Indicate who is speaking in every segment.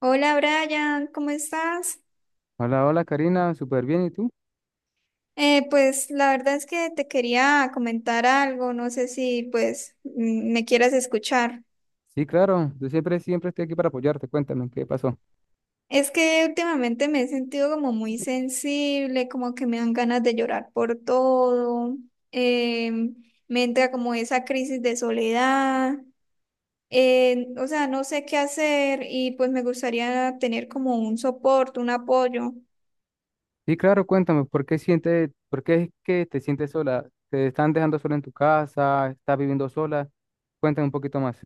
Speaker 1: Hola Brian, ¿cómo estás?
Speaker 2: Hola, hola Karina, súper bien, ¿y tú?
Speaker 1: Pues la verdad es que te quería comentar algo, no sé si pues me quieras escuchar.
Speaker 2: Sí, claro, yo siempre estoy aquí para apoyarte, cuéntame, ¿qué pasó?
Speaker 1: Es que últimamente me he sentido como muy sensible, como que me dan ganas de llorar por todo, em, me entra como esa crisis de soledad, o sea, no sé qué hacer y pues me gustaría tener como un soporte, un apoyo.
Speaker 2: Sí, claro, cuéntame, ¿por qué es que te sientes sola? ¿Te están dejando sola en tu casa? ¿Estás viviendo sola? Cuéntame un poquito más.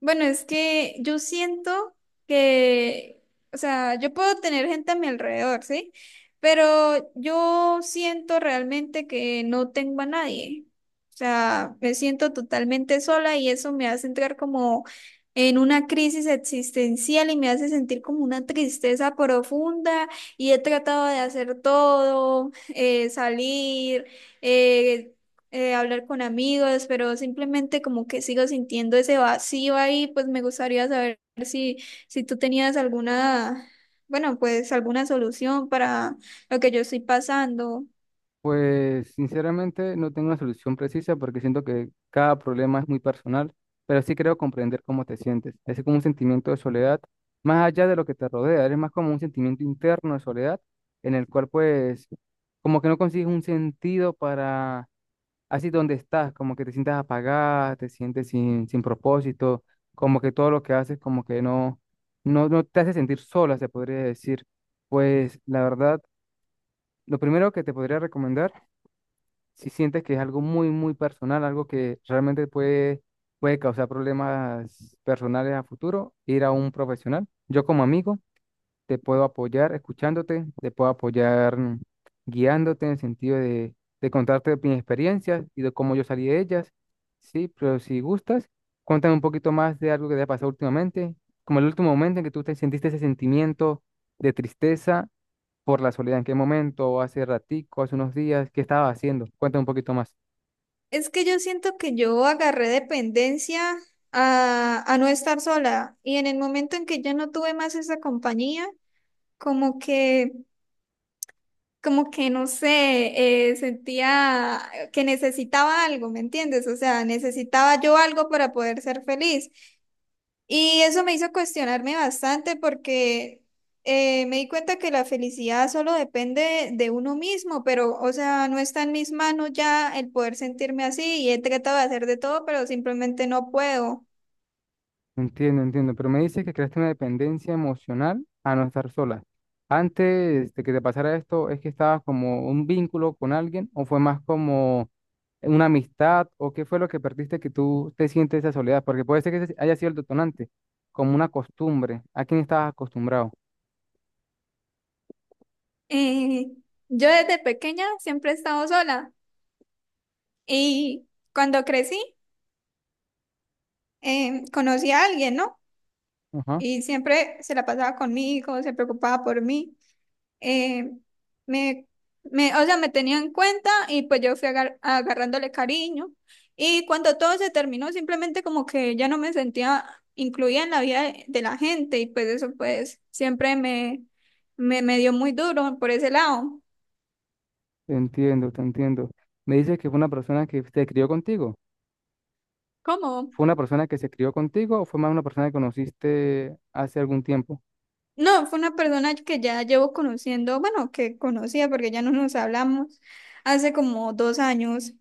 Speaker 1: Bueno, es que yo siento que, o sea, yo puedo tener gente a mi alrededor, ¿sí? Pero yo siento realmente que no tengo a nadie. O sea, me siento totalmente sola y eso me hace entrar como en una crisis existencial y me hace sentir como una tristeza profunda y he tratado de hacer todo, salir, eh, hablar con amigos, pero simplemente como que sigo sintiendo ese vacío ahí, pues me gustaría saber si, si tú tenías alguna, bueno, pues alguna solución para lo que yo estoy pasando.
Speaker 2: Pues sinceramente no tengo una solución precisa porque siento que cada problema es muy personal, pero sí creo comprender cómo te sientes. Es como un sentimiento de soledad, más allá de lo que te rodea, es más como un sentimiento interno de soledad en el cual pues como que no consigues un sentido para así donde estás, como que te sientas apagada, te sientes sin propósito, como que todo lo que haces como que no te hace sentir sola, se podría decir. Pues la verdad, lo primero que te podría recomendar, si sientes que es algo muy personal, algo que realmente puede causar problemas personales a futuro, ir a un profesional. Yo como amigo te puedo apoyar escuchándote, te puedo apoyar guiándote en el sentido de contarte mis experiencias y de cómo yo salí de ellas. Sí, pero si gustas, cuéntame un poquito más de algo que te ha pasado últimamente, como el último momento en que tú te sentiste ese sentimiento de tristeza por la soledad. ¿En qué momento? ¿Hace ratico? ¿Hace unos días? ¿Qué estabas haciendo? Cuéntame un poquito más.
Speaker 1: Es que yo siento que yo agarré dependencia a no estar sola y en el momento en que yo no tuve más esa compañía, como que... Como que no sé, sentía que necesitaba algo, ¿me entiendes? O sea, necesitaba yo algo para poder ser feliz. Y eso me hizo cuestionarme bastante porque me di cuenta que la felicidad solo depende de uno mismo, pero, o sea, no está en mis manos ya el poder sentirme así y he tratado de hacer de todo, pero simplemente no puedo.
Speaker 2: Entiendo, entiendo, pero me dice que creaste una dependencia emocional a no estar sola. Antes de que te pasara esto, ¿es que estabas como un vínculo con alguien o fue más como una amistad o qué fue lo que perdiste que tú te sientes esa soledad? Porque puede ser que ese haya sido el detonante, como una costumbre, a quién estabas acostumbrado.
Speaker 1: Eh, yo desde pequeña siempre he estado sola y cuando crecí conocí a alguien, ¿no?
Speaker 2: Ajá,
Speaker 1: Y siempre se la pasaba conmigo, se preocupaba por mí. eh, me, o sea, me tenía en cuenta y pues yo fui agarrándole cariño. Y cuando todo se terminó, simplemente como que ya no me sentía incluida en la vida de la gente y pues eso pues siempre me dio muy duro por ese lado.
Speaker 2: te entiendo, te entiendo. Me dices que fue una persona que se crió contigo.
Speaker 1: ¿Cómo?
Speaker 2: ¿Fue una persona que se crió contigo o fue más una persona que conociste hace algún tiempo?
Speaker 1: No, fue una persona que ya llevo conociendo, bueno, que conocía porque ya no nos hablamos hace como 2 años.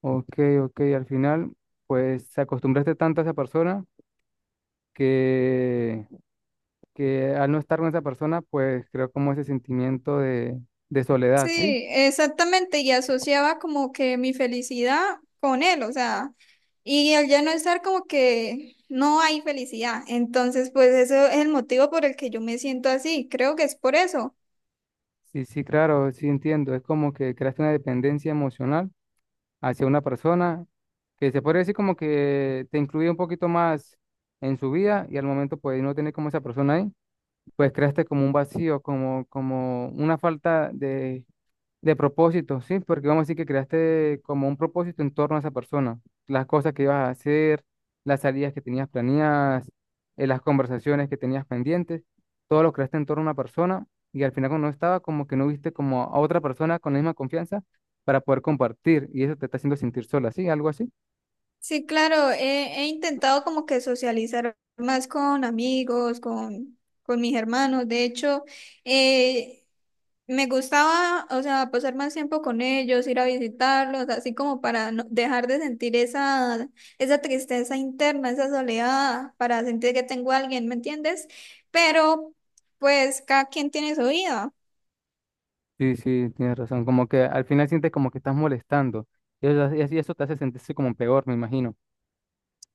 Speaker 2: Ok, ok, al final, pues te acostumbraste tanto a esa persona que, que al no estar con esa persona, pues creo como ese sentimiento de soledad, ¿sí?
Speaker 1: Sí, exactamente, y asociaba como que mi felicidad con él, o sea, y al ya no estar como que no hay felicidad, entonces pues eso es el motivo por el que yo me siento así, creo que es por eso.
Speaker 2: Sí, sí, claro, sí entiendo. Es como que creaste una dependencia emocional hacia una persona que se podría decir como que te incluye un poquito más en su vida y al momento pues no tener como esa persona ahí, pues creaste como un vacío, como una falta de propósito, sí, porque vamos a decir que creaste como un propósito en torno a esa persona, las cosas que ibas a hacer, las salidas que tenías planeadas, las conversaciones que tenías pendientes, todo lo creaste en torno a una persona y al final cuando no estaba, como que no viste como a otra persona con la misma confianza para poder compartir y eso te está haciendo sentir sola, ¿sí? Algo así.
Speaker 1: Sí, claro, he intentado como que socializar más con amigos, con mis hermanos. De hecho, eh, me gustaba, o sea, pasar más tiempo con ellos, ir a visitarlos, así como para dejar de sentir esa tristeza interna, esa soledad, para sentir que tengo a alguien, ¿me entiendes? Pero, pues, cada quien tiene su vida.
Speaker 2: Sí, sí, tienes razón, como que al final sientes como que estás molestando y eso, eso te hace sentirse como peor, me imagino.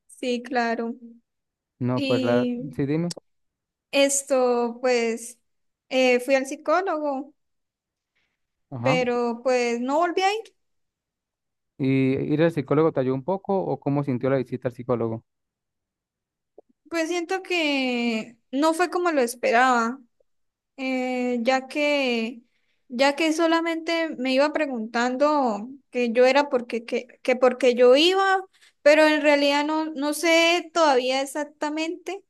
Speaker 1: Sí, claro.
Speaker 2: No, pues la...
Speaker 1: Y
Speaker 2: Sí, dime.
Speaker 1: esto, pues, fui al psicólogo.
Speaker 2: Ajá.
Speaker 1: Pero pues no volví a ir.
Speaker 2: ¿Y ir al psicólogo te ayudó un poco o cómo sintió la visita al psicólogo?
Speaker 1: Pues siento que no fue como lo esperaba, ya ya que solamente me iba preguntando que yo era porque, que porque yo iba, pero en realidad no sé todavía exactamente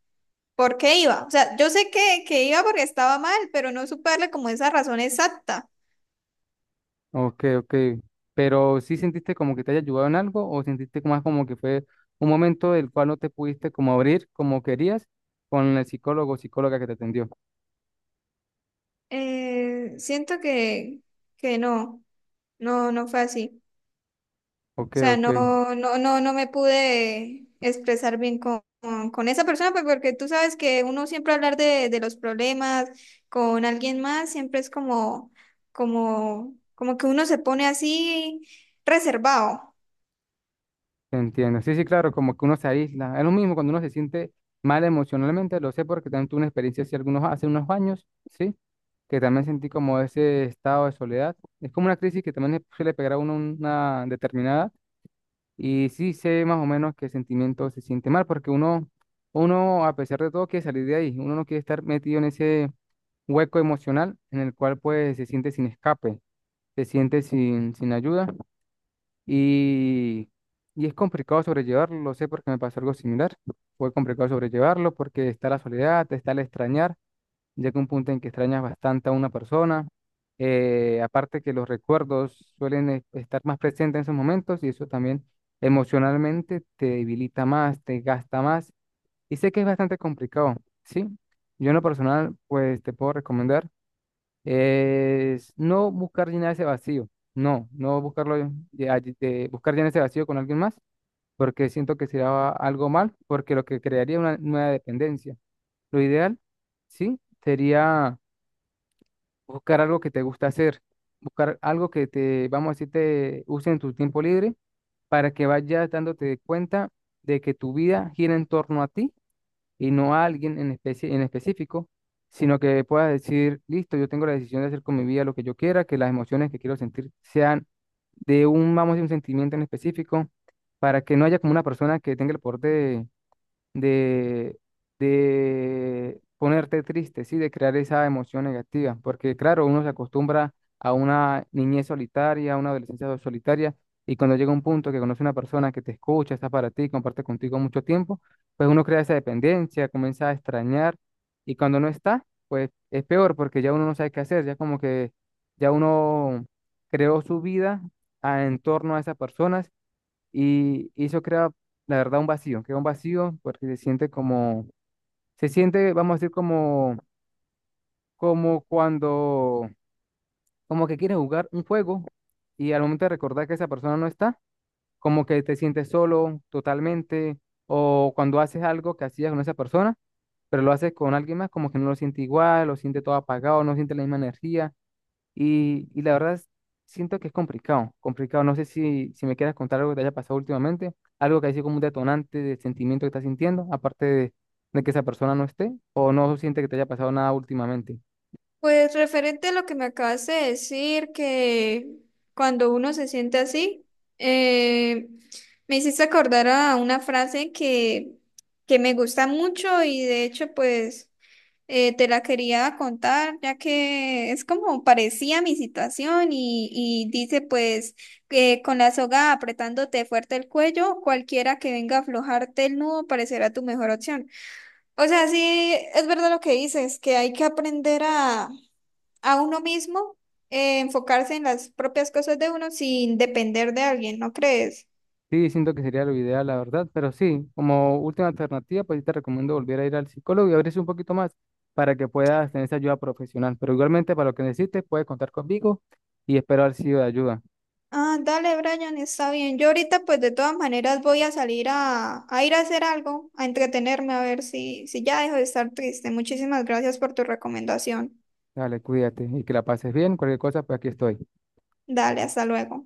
Speaker 1: por qué iba. O sea, yo sé que iba porque estaba mal, pero no supe darle como esa razón exacta.
Speaker 2: Ok, ok. Pero sí sentiste como que te haya ayudado en algo o sentiste más como que fue un momento del cual no te pudiste como abrir como querías con el psicólogo o psicóloga que te atendió.
Speaker 1: Siento que no, no, no fue así.
Speaker 2: Ok,
Speaker 1: O sea,
Speaker 2: ok, te
Speaker 1: no me pude expresar bien con esa persona, pues, porque tú sabes que uno siempre hablar de los problemas con alguien más, siempre es como, como que uno se pone así reservado.
Speaker 2: entiendo. Sí, sí, claro, como que uno se aísla. Es lo mismo cuando uno se siente mal emocionalmente, lo sé porque también tuve una experiencia hace algunos, hace unos años, ¿sí? Que también sentí como ese estado de soledad. Es como una crisis que también le suele pegar a uno una determinada. Y sí sé más o menos qué sentimiento se siente mal, porque uno, a pesar de todo, quiere salir de ahí. Uno no quiere estar metido en ese hueco emocional en el cual pues se siente sin escape, se siente sin ayuda y, y es complicado sobrellevarlo, lo sé porque me pasó algo similar, fue complicado sobrellevarlo porque está la soledad, está el extrañar llega un punto en que extrañas bastante a una persona. Aparte que los recuerdos suelen estar más presentes en esos momentos y eso también emocionalmente te debilita más, te gasta más. Y sé que es bastante complicado, ¿sí? Yo en lo personal, pues te puedo recomendar es no buscar llenar ese vacío, no buscarlo, de buscar llenar ese vacío con alguien más, porque siento que sería algo mal, porque lo que crearía una nueva dependencia. Lo ideal, ¿sí? Sería buscar algo que te gusta hacer, buscar algo que te, vamos a decir, te use en tu tiempo libre para que vayas dándote cuenta de que tu vida gira en torno a ti y no a alguien en especie, en específico, sino que puedas decir, listo, yo tengo la decisión de hacer con mi vida lo que yo quiera, que las emociones que quiero sentir sean de un, vamos a decir, un sentimiento en específico, para que no haya como una persona que tenga el poder de, de ponerte triste, ¿sí? De crear esa emoción negativa, porque claro, uno se acostumbra a una niñez solitaria, a una adolescencia solitaria, y cuando llega un punto que conoce una persona que te escucha, está para ti, comparte contigo mucho tiempo, pues uno crea esa dependencia, comienza a extrañar, y cuando no está, pues es peor, porque ya uno no sabe qué hacer, ya como que ya uno creó su vida en torno a esas personas y eso crea, la verdad, un vacío, crea un vacío porque se siente se siente, vamos a decir, como cuando, como que quieres jugar un juego y al momento de recordar que esa persona no está, como que te sientes solo totalmente, o cuando haces algo que hacías con esa persona, pero lo haces con alguien más, como que no lo siente igual, lo siente todo apagado, no siente la misma energía. Y la verdad siento que es complicado, complicado. No sé si me quieras contar algo que te haya pasado últimamente, algo que haya sido como un detonante del sentimiento que estás sintiendo, aparte de que esa persona no esté, o no siente que te haya pasado nada últimamente.
Speaker 1: Pues referente a lo que me acabas de decir, que cuando uno se siente así, eh, me hiciste acordar a una frase que me gusta mucho y de hecho, pues... Te la quería contar, ya que es como parecía mi situación y dice pues que con la soga apretándote fuerte el cuello, cualquiera que venga a aflojarte el nudo parecerá tu mejor opción. O sea, sí, es verdad lo que dices, que hay que aprender a uno mismo, enfocarse en las propias cosas de uno sin depender de alguien, ¿no crees?
Speaker 2: Sí, siento que sería lo ideal, la verdad, pero sí, como última alternativa, pues sí te recomiendo volver a ir al psicólogo y abrirse un poquito más para que puedas tener esa ayuda profesional. Pero igualmente, para lo que necesites, puedes contar conmigo y espero haber sido de ayuda.
Speaker 1: Ah, dale, Brian, está bien. Yo ahorita, pues de todas maneras, voy a salir a ir a hacer algo, a entretenerme, a ver si ya dejo de estar triste. Muchísimas gracias por tu recomendación.
Speaker 2: Dale, cuídate y que la pases bien. Cualquier cosa, pues aquí estoy.
Speaker 1: Dale, hasta luego.